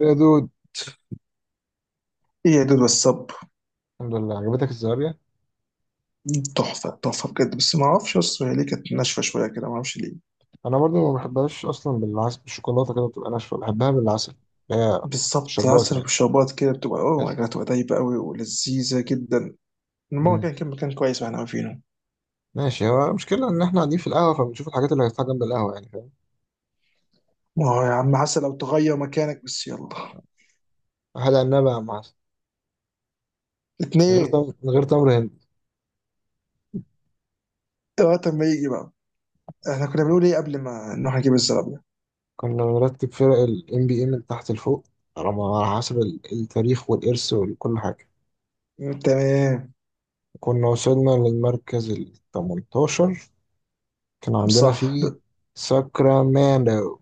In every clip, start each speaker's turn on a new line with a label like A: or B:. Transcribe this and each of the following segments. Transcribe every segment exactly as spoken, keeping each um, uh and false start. A: يا دود،
B: ايه يا دود والصب.
A: الحمد لله عجبتك الزهرية.
B: تحفة تحفة بجد، بس ما اعرفش اصلا هي ليه كانت ناشفة شوية كده، ما اعرفش ليه.
A: انا برضو ما بحبهاش اصلا، بالعسل بالشوكولاته كده بتبقى ناشفه، بحبها بالعسل اللي هي
B: بالظبط،
A: الشربات
B: عسل
A: يعني
B: وشربات كده بتبقى اوه ماي
A: بس.
B: جاد، بتبقى دايبة قوي ولذيذة جدا. الماما
A: مم.
B: كان كان مكان كويس واحنا واقفينه.
A: ماشي، هو المشكله ان احنا قاعدين في القهوه فبنشوف الحاجات اللي هتتحط جنب القهوه، يعني فاهم.
B: ما هو يا عم عسل لو تغير مكانك بس، يلا.
A: حاجه عنبه مع عسل، من غير
B: اتنين،
A: تمر، من غير تمر هندي.
B: وقت ما يجي بقى. احنا كنا بنقول ايه قبل ما نروح نجيب الزرابية؟
A: كنا بنرتب فرق الام بي اي من تحت لفوق، على على حسب ال- التاريخ والارث وكل حاجه.
B: تمام،
A: كنا وصلنا للمركز ال تمنتاشر، كان عندنا
B: صح.
A: فيه ساكرامento.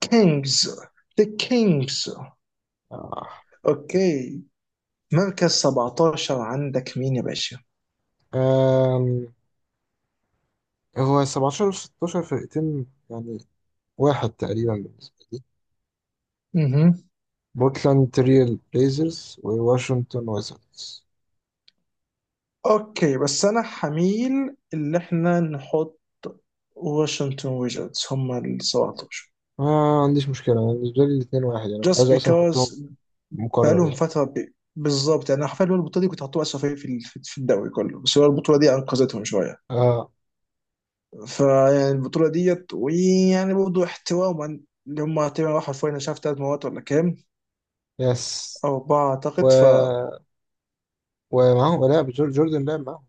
B: كينجز. ذا كينجز. اوكي، مركز سبعتاشر عندك مين يا باشا؟
A: آه. هو سبعة عشر و ستة عشر فرقتين يعني واحد تقريبا بالنسبة لي، بورتلاند تريل بليزرز وواشنطن ويزاردز.
B: اوكي، بس انا حميل اللي احنا نحط. واشنطن ويجتس هم ال سبعتاشر،
A: ما عنديش مشكلة، أنا بالنسبة لي الاتنين واحد يعني، كنت
B: just
A: عايز أصلا أحطهم
B: because.
A: مكرر
B: بقالهم
A: يعني.
B: فترة ب- بالظبط. يعني حرفيا هو البطولة دي كنت حاطوها أسوأ فريق في ال- في في الدوري كله، بس هو البطولة دي أنقذتهم شوية.
A: آه.
B: فيعني البطولة ديت، ويعني برضه احتواما، اللي هم تقريبا راحوا الفاينل مش عارف تلات مرات ولا كام،
A: يس.
B: أو أربعة
A: و...
B: أعتقد ف...
A: ومعاهم، لا، جور- جوردن لعب معاهم.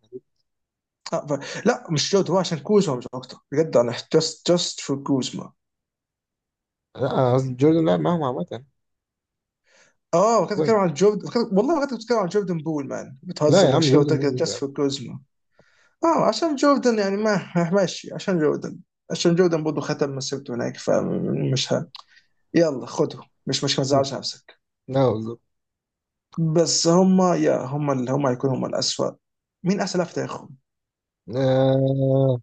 B: آه، ف... لا مش لوت، هو عشان كوزما مش أكتر بجد، أنا just just for كوزما.
A: لا، قصدي جوردن لعب معاهم عامة.
B: اه كنت بتتكلم
A: وين؟
B: عن جوردن، كنت- والله كنت بتتكلم عن جوردن، بول مان
A: لا يا
B: بتهزر،
A: عم،
B: عشان كده قلت
A: جوردن
B: لك
A: بول مين يا
B: جاست
A: عم.
B: فور كوزما. اه عشان جوردن يعني ما ماشي، عشان جوردن عشان جوردن برضه ختم مسيرته هناك فمش ه... يلا خده، مش مش ما تزعلش نفسك.
A: لا بالظبط.
B: بس هما، يا هما اللي هما هيكونوا هما الأسوأ. مين أحسن لاعب في تاريخهم؟
A: آه،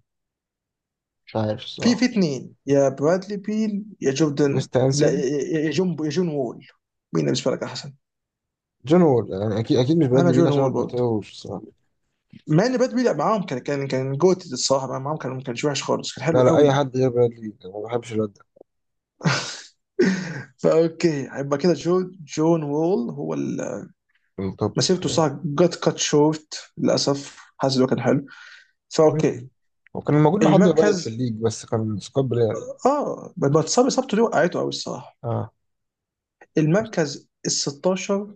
A: مش عارف
B: في في
A: الصراحة.
B: اتنين، يا برادلي بيل يا جوردن،
A: ويست
B: لا
A: أنسن.
B: يا يا- يا جون يا جون وول. مين بالنسبة لك أحسن؟
A: جون وول يعني، أكيد أكيد مش
B: أنا
A: برادلي بيل
B: جون
A: عشان أنا
B: وول
A: ما
B: برضه.
A: بتابعوش.
B: مع ان باد بيلعب معاهم، كان كان كان جوت الصراحه، معاهم كان كان وحش خالص، كان حلو
A: لا لا، أي
B: قوي.
A: حد غير برادلي بيل، أنا ما بحبش الواد ده.
B: فاوكي، هيبقى كده جون جون وول هو ال-
A: من توب.
B: مسيرته صح جت كات شورت للاسف، حاسس إن هو كان حلو،
A: مم.
B: فاوكي.
A: هو كان موجود لحد قريب في
B: المركز،
A: الليج، بس كان سكوت بلاير يعني.
B: اه بتصاب اصابته دي وقعته قوي الصراحه.
A: اه.
B: المركز ال ستاشر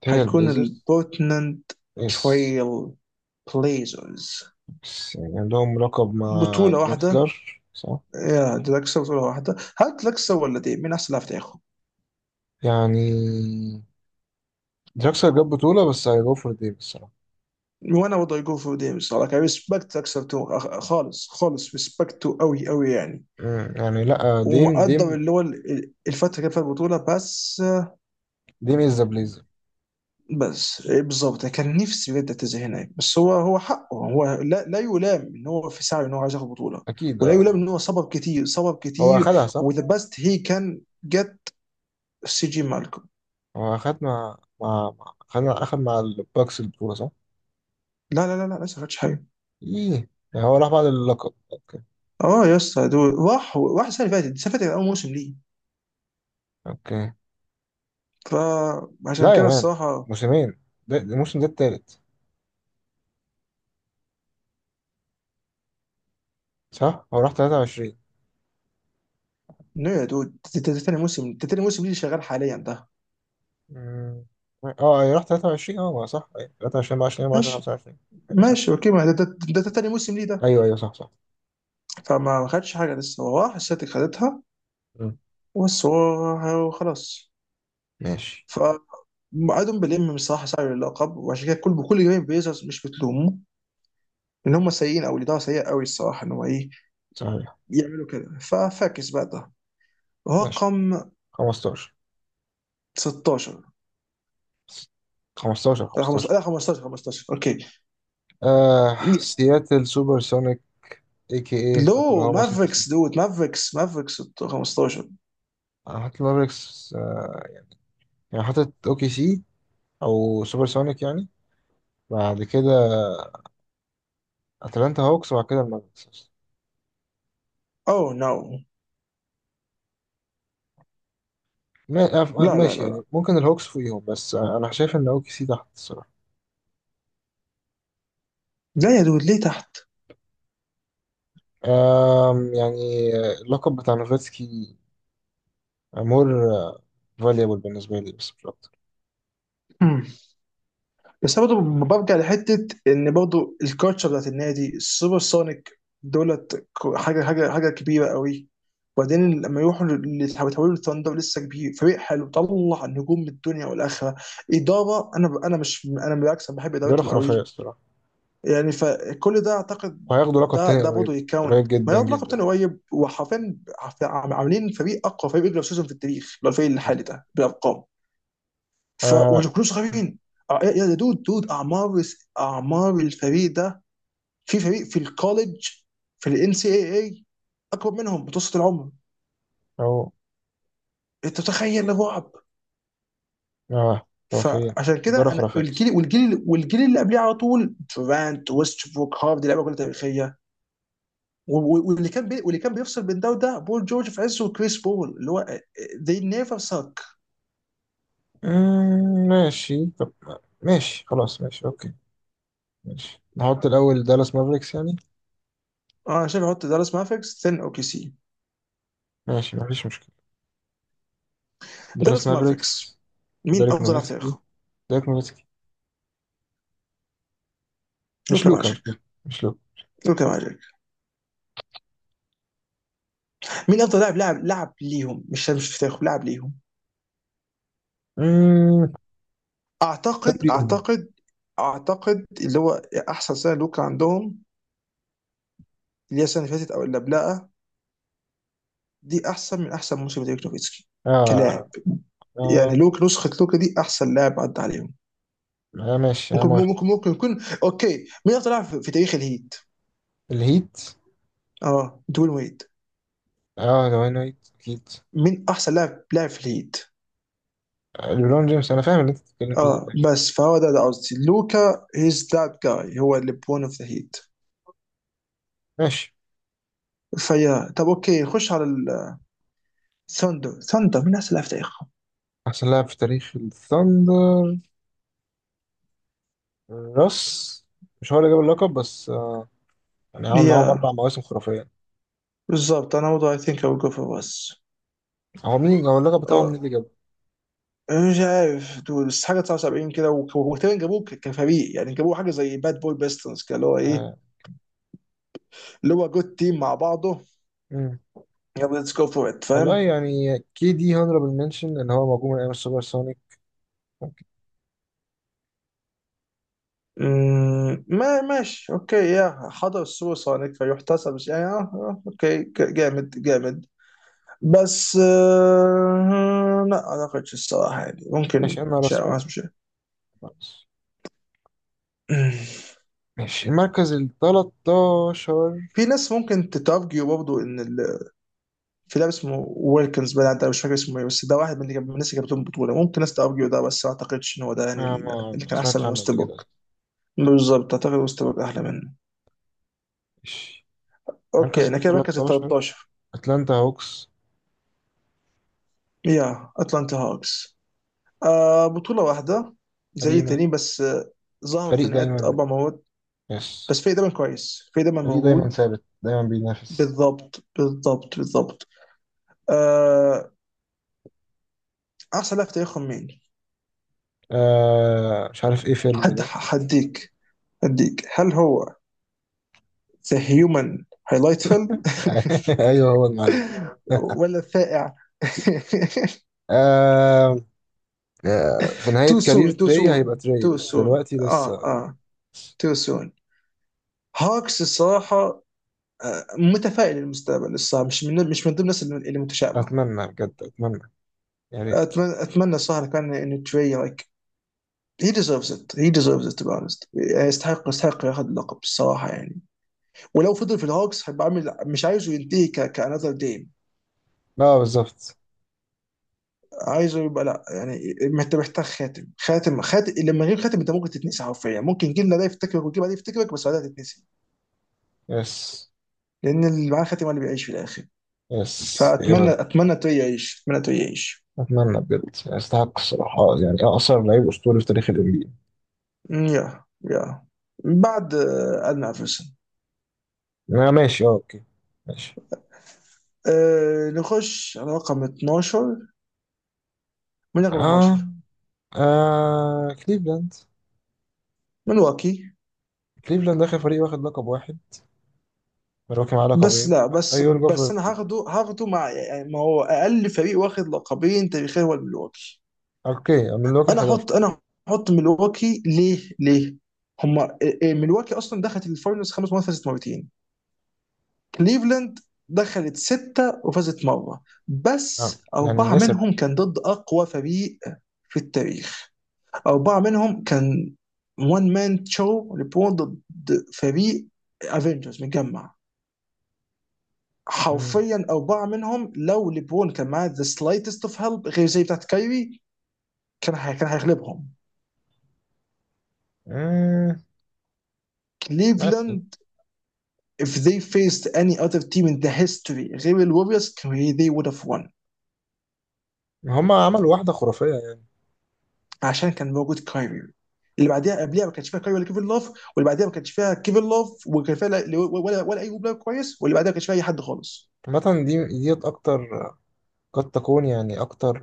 A: تاني
B: هيكون
A: البليزرز.
B: البورتلاند
A: يس.
B: تريل بليزرز.
A: بس يعني عندهم لقب مع
B: بطوله واحده،
A: دراكسلر، صح؟
B: يا دراكسر بطوله واحده، هل دراكسر ولا دي مين احسن لاعب في تاريخه؟
A: يعني دراكسلر جاب بطولة، بس هيجو فور ديم الصراحة.
B: وانا وضع جو فور ديم الصراحه، ريسبكت دراكسر تو- خالص خالص ريسبكت، قوي قوي يعني.
A: مم، يعني لا، ديم
B: ومقدر
A: ديم
B: اللي هو ال- الفتره اللي كان فيها البطوله بس.
A: ديم از ذا بليزر.
B: بس إيه بالظبط، يعني كان نفسي بجد اعتزل هناك، بس هو هو حقه، هو لا لا يلام ان هو في سعي ان هو عايز ياخد بطوله،
A: أكيد،
B: ولا
A: اه.
B: يلام ان هو صبر كتير صبر
A: هو
B: كتير،
A: أخدها صح.
B: وذا بيست هي كان جت. سي جي مالكم.
A: هو أخد مع مع مع- أخد مع أخد مع الباكس البطولة، صح؟
B: لا لا لا لا، لسه ما خدش حاجه.
A: إيه يعني، هو راح بعد اللقب، أوكي.
B: اه يا اسطى، دول راح راح السنه اللي فاتت، السنه اللي فاتت كان اول موسم ليه،
A: أوكي.
B: فعشان
A: لا يا
B: كده
A: مان،
B: الصراحه.
A: موسمين، ده ده الموسم ده التالت. صح، هو راح تلاتة وعشرين.
B: نو يا دود، ده ده- ده تاني موسم، ده تاني موسم ليه شغال حاليا ده.
A: مم. اه ايوه، راح تلاتة وعشرين، اه ما صح، ايوه تلاتة وعشرين اربعة وعشرين اربعة وعشرين
B: ماشي.
A: خمسة وعشرين. ايوه صح.
B: ماشي اوكي، ما ده ده ده- ده تاني موسم ليه ده.
A: ايوه ايوه صح صح.
B: فما خدش حاجه لسه، هو راح السلتيك خدتها،
A: مم.
B: بس هو خلاص.
A: ماشي.
B: فادهم بيلم بصراحه سعي اللقب، وعشان كده كل كل جماهير بيزرز مش بتلومه ان هم سيئين، او الاداره سيئه قوي الصراحه ان هو ايه
A: صحيح.
B: يعملوا كده. ففاكس بقى ده
A: ماشي.
B: رقم
A: خمستاشر
B: ستاشر.
A: خمستاشر
B: لا،
A: خمستاشر.
B: خمستاشر، لا، خمستاشر، خمستاشر اوكي.
A: آه، سياتل سوبر سونيك، اي كي اي
B: لو
A: اوكلاهوما سيتي سونيك.
B: مافريكس دود، مافريكس مافريكس خمستاشر.
A: انا حاطط مافريكس، آه. يعني حاطط اوكي سي او سوبر سونيك يعني. بعد كده اتلانتا هوكس، وبعد كده المافريكس.
B: اوه نو.
A: ما- أف-
B: لا لا
A: ماشي
B: لا لا
A: يعني، ممكن الهوكس فوقيهم، بس أه، انا شايف ان اوكي سي تحت الصراحه.
B: لا، يا دود ليه تحت؟
A: أم، يعني أه، اللقب بتاع نوفاتسكي مور فاليبل بالنسبه لي، بس مش اكتر.
B: بس أنا برضه برجع لحته ان برضه الكالتشر بتاعت النادي السوبر سونيك دولت، ك- حاجه حاجه حاجه كبيره قوي. وبعدين لما يروحوا، اللي يتحولوا للثاندر لسه كبير، فريق حلو طلع نجوم من الدنيا والاخره. اداره انا، ب- انا مش، انا بالعكس انا بحب
A: ده
B: ادارتهم
A: خرافيه
B: قوي
A: الصراحه،
B: يعني، فكل ده اعتقد
A: وهياخدوا لقب
B: ده
A: تاني
B: ده
A: قريب.
B: برضه يكاونت.
A: قريب
B: ما
A: جدا
B: ياخد لقب تاني
A: جدا.
B: قريب، وحرفيا عف- عاملين فريق، اقوى فريق ريجلر سيزون في التاريخ لو الفريق الحالي ده بالارقام. ف
A: أه.
B: وكلهم صغيرين. آه، يا يا دود دود اعمار اعمار الفريق ده، في فريق في الكوليج، في الان سي اي اي اكبر منهم متوسط العمر.
A: او.
B: انت تخيل الرعب.
A: اه خرافيه.
B: فعشان
A: الدورة
B: كده انا،
A: خرافيه بس.
B: والجيل والجيل والجيل اللي قبليه على طول، دورانت، ويستبروك، هارد، لعيبه كلها تاريخيه. و- و- واللي كان بي... واللي كان بيفصل بين ده وده، بول جورج في عزه وكريس بول، اللي هو they never suck.
A: أمم، ماشي طب. ماشي خلاص، ماشي اوكي. ماشي نحط الاول دالاس مافريكس يعني.
B: انا شايف احط دالاس مافيكس ثين اوكي سي.
A: ماشي مفيش مشكله. دالاس
B: دالاس مافيكس،
A: مافريكس.
B: مين
A: ديريك
B: افضل لاعب في
A: نوفيتسكي.
B: تاريخهم؟
A: ديريك نوفيتسكي. مش
B: لوكا
A: لوكا
B: ماجيك،
A: مش لوكا مش لوكا
B: لوكا ماجيك. مين افضل لاعب لعب لعب ليهم، مش مش في تاريخهم، لعب ليهم؟
A: امم.
B: اعتقد اعتقد اعتقد اللي هو احسن سنه لوكا عندهم، اللي هي السنه اللي فاتت او اللي قبلها، دي احسن من احسن موسم ديريك نوفيتسكي
A: اه.
B: كلاعب. يعني
A: آه،
B: لوك، نسخه لوكا دي احسن لاعب عدى عليهم.
A: آه، ماشي انا
B: ممكن
A: موافق.
B: ممكن ممكن يكون، اوكي. مين افضل لاعب في في تاريخ الهيت؟
A: الهيت.
B: اه، دوين ويد.
A: اه دواين وايت اكيد.
B: مين احسن لاعب لاعب في الهيت؟
A: آه، ليبرون جيمس، انا فاهم اللي انت بتتكلم
B: اه
A: فيه.
B: بس فهو، ده ده قصدي، لوكا هيز ذات جاي، هو اللي بون اوف ذا هيت.
A: ماشي.
B: فيا طب اوكي، نخش على ال ثاندر. ثاندر، من احسن لاعب في تاريخهم؟
A: احسن لاعب في تاريخ الثاندر، راس. مش هو اللي جاب اللقب بس، آه، يعني عمل معاهم اربع
B: يا،
A: مواسم خرافيه.
B: بالظبط انا برضه، اي ثينك اي جو فور اس.
A: هو مين هو اللقب بتاعهم مين اللي جابه؟
B: مش عارف دول، بس حاجه تسعة وسبعين كده، وك- وتقريبا جابوه ك- كفريق يعني، جابوه حاجه زي باد بوي بيستنز كده، اللي هو ايه،
A: آه.
B: اللي هو جود تيم مع بعضه.
A: مم.
B: يلا ليتس جو فور ات،
A: والله
B: فاهم.
A: يعني، كي دي هانربل منشن ان هو موجود من ايام السوبر سونيك.
B: مم، ما ماشي اوكي، يا حضر السوبر سونيك فيحتسب، بس يعني، آه، آه، اوكي، ك- جامد جامد. بس آه لا، ما اعتقدش الصراحه يعني،
A: ماشي،
B: ممكن
A: انا
B: مش
A: راس
B: عارف،
A: برضه.
B: مش عارف.
A: ماشي، المركز ال تلتاشر.
B: في ناس ممكن تتارجيو برضه ان ال... في لاعب اسمه ويلكنز بقى، انت مش فاكر اسمه ايه، بس ده واحد من اللي جاب- من الناس اللي جابتهم بطوله، ممكن ناس تارجيو ده، بس ما اعتقدش ان هو ده يعني
A: آه،
B: ال-
A: ما
B: اللي
A: ما
B: كان احسن
A: سمعتش
B: من
A: عنه قبل كده
B: وستبروك.
A: أصلاً.
B: بالظبط، اعتقد وستبروك احلى منه.
A: ماشي، مركز
B: اوكي،
A: ال
B: انا كده مركز ال
A: تلتاشر
B: تلتاشر.
A: أتلانتا هوكس.
B: يا اتلانتا هاكس. آه بطوله واحده زي
A: قديمة.
B: التانيين، بس آه، ظهروا في
A: فريق
B: نهاية
A: دايما.
B: اربع مرات،
A: يس.
B: بس في دايما كويس، في دايما
A: فريق دايما
B: موجود.
A: ثابت، دايما بينافس.
B: بالضبط بالضبط بالضبط. آه، احسن لاعب في تاريخهم مين؟
A: آه، مش عارف ايه فيلم
B: حد
A: ده.
B: هديك هديك هل هو ذا هيومن هايلايتفل
A: ايوه، هو المعلم ده.
B: ولا الثائع؟
A: آه. آه، في نهاية
B: تو سون،
A: كارير
B: تو
A: تري
B: سون،
A: هيبقى تري،
B: تو
A: بس
B: سون،
A: دلوقتي
B: اه
A: لسه.
B: اه، تو سون. هاكس الصراحه، آه، متفائل للمستقبل الصراحه، مش من مش من ضمن الناس اللي اللي متشائمه.
A: أتمنى بجد، أتمنى. يا ريت.
B: اتمنى اتمنى الصراحه، لو كان انه تري لايك، هي ديزيرفز ات، هي ديزيرفز ات بانست، يستحق يستحق ياخذ اللقب الصراحه يعني. ولو فضل في الهوكس هيبقى عامل، مش عايزه ينتهي كانذر جيم،
A: لا، بالظبط.
B: عايزه يبقى، لا يعني انت محتاج خاتم، خاتم خاتم. لما غير خاتم انت ممكن تتنسي حرفيا، ممكن جيلنا ده يفتكرك، وجيل بعديه يفتكرك، بس بعدها تتنسي،
A: يس.
B: لان اللي معاه خاتم هو اللي بيعيش في الاخر.
A: يس،
B: فاتمنى
A: يبقى.
B: اتمنى توي يعيش، اتمنى توي يعيش.
A: أتمنى بجد، يستحق الصراحة يعني، أقصر لعيب أسطوري في تاريخ ال ان بي ايه.
B: أمم، يا يا بعد، آه، ادنى افرسن.
A: آه، ماشي، اه اوكي. ماشي.
B: أه نخش على رقم اتناشر. من رقم
A: اه,
B: اتناشر،
A: آه كليفلاند.
B: من واكي
A: كليفلاند اخر فريق واخد لقب واحد، ملواكي معاه
B: بس
A: لقبين.
B: لا، بس
A: ايول
B: بس
A: جوفر.
B: انا هاخده هاخده مع يعني، ما هو اقل فريق واخد لقبين تاريخيا هو الملواكي.
A: اوكي، ملواكي ال
B: انا
A: حداشر.
B: احط انا احط ملواكي ليه ليه؟ هما إيه- إيه، ملواكي اصلا دخلت الفاينلز خمس مرات، فازت مرتين. كليفلاند دخلت ستة وفازت مرة، بس
A: آه. يعني
B: أربعة
A: لسه.
B: منهم كان ضد أقوى فريق في التاريخ. أربعة منهم كان وان مان شو، لبرون ضد فريق افنجرز متجمع
A: مم.
B: حرفيا. أربعة منهم، لو لبرون كان معاه ذا سلايتست اوف هيلب غير زي بتاعت كايري، كان هي- كان هيغلبهم
A: مم. ماشي.
B: كليفلاند. If they faced any other team in the history غير الوريوز, they would have won.
A: هما عملوا واحدة خرافية يعني.
B: عشان كان موجود كايري، اللي بعديها قبلها ما كانش فيها كايري ولا كيفن لوف، واللي بعديها ما كانش فيها كيفن لوف وكان فيها لا- ولا ولا اي بلاير كويس، واللي بعديها ما كانش فيها اي حد خالص.
A: عامة دي ديت أكتر، قد تكون يعني أكتر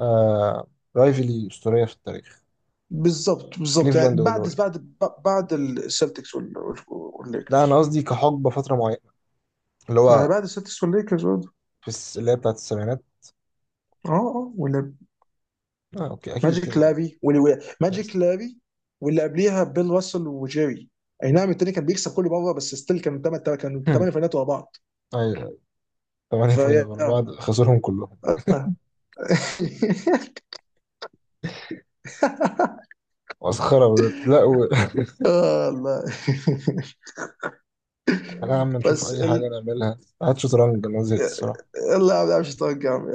A: آه رايفلي أسطورية في التاريخ.
B: بالظبط بالظبط،
A: كليفلاند
B: يعني بعد
A: والولا.
B: بعد بعد السلتكس
A: لا، أنا
B: والليكرز،
A: قصدي كحقبة فترة معينة، اللي
B: ما
A: هو
B: بعد السلتكس والليكرز برضه.
A: في الس... اللي هي بتاعت السبعينات.
B: اه اه، ولا
A: آه أوكي، أكيد
B: ماجيك
A: كده كده.
B: لافي، واللي
A: يس.
B: ماجيك لافي، واللي قبليها بيل راسل وجيري. اي نعم، التاني كان بيكسب كل مره، بس ستيل كان تمن، كانوا ثمان فاينات ورا بعض.
A: أيوه. ثمانية فاينل
B: فيا
A: ورا
B: آه.
A: بعض خسرهم كلهم. مسخرة بجد. لا و...
B: آه، الله
A: تعالى يا عم نشوف
B: بس
A: أي حاجة
B: ال...
A: نعملها، هات شطرنج، أنا زهقت الصراحة.
B: يلا، ما بعرفش، اتوقع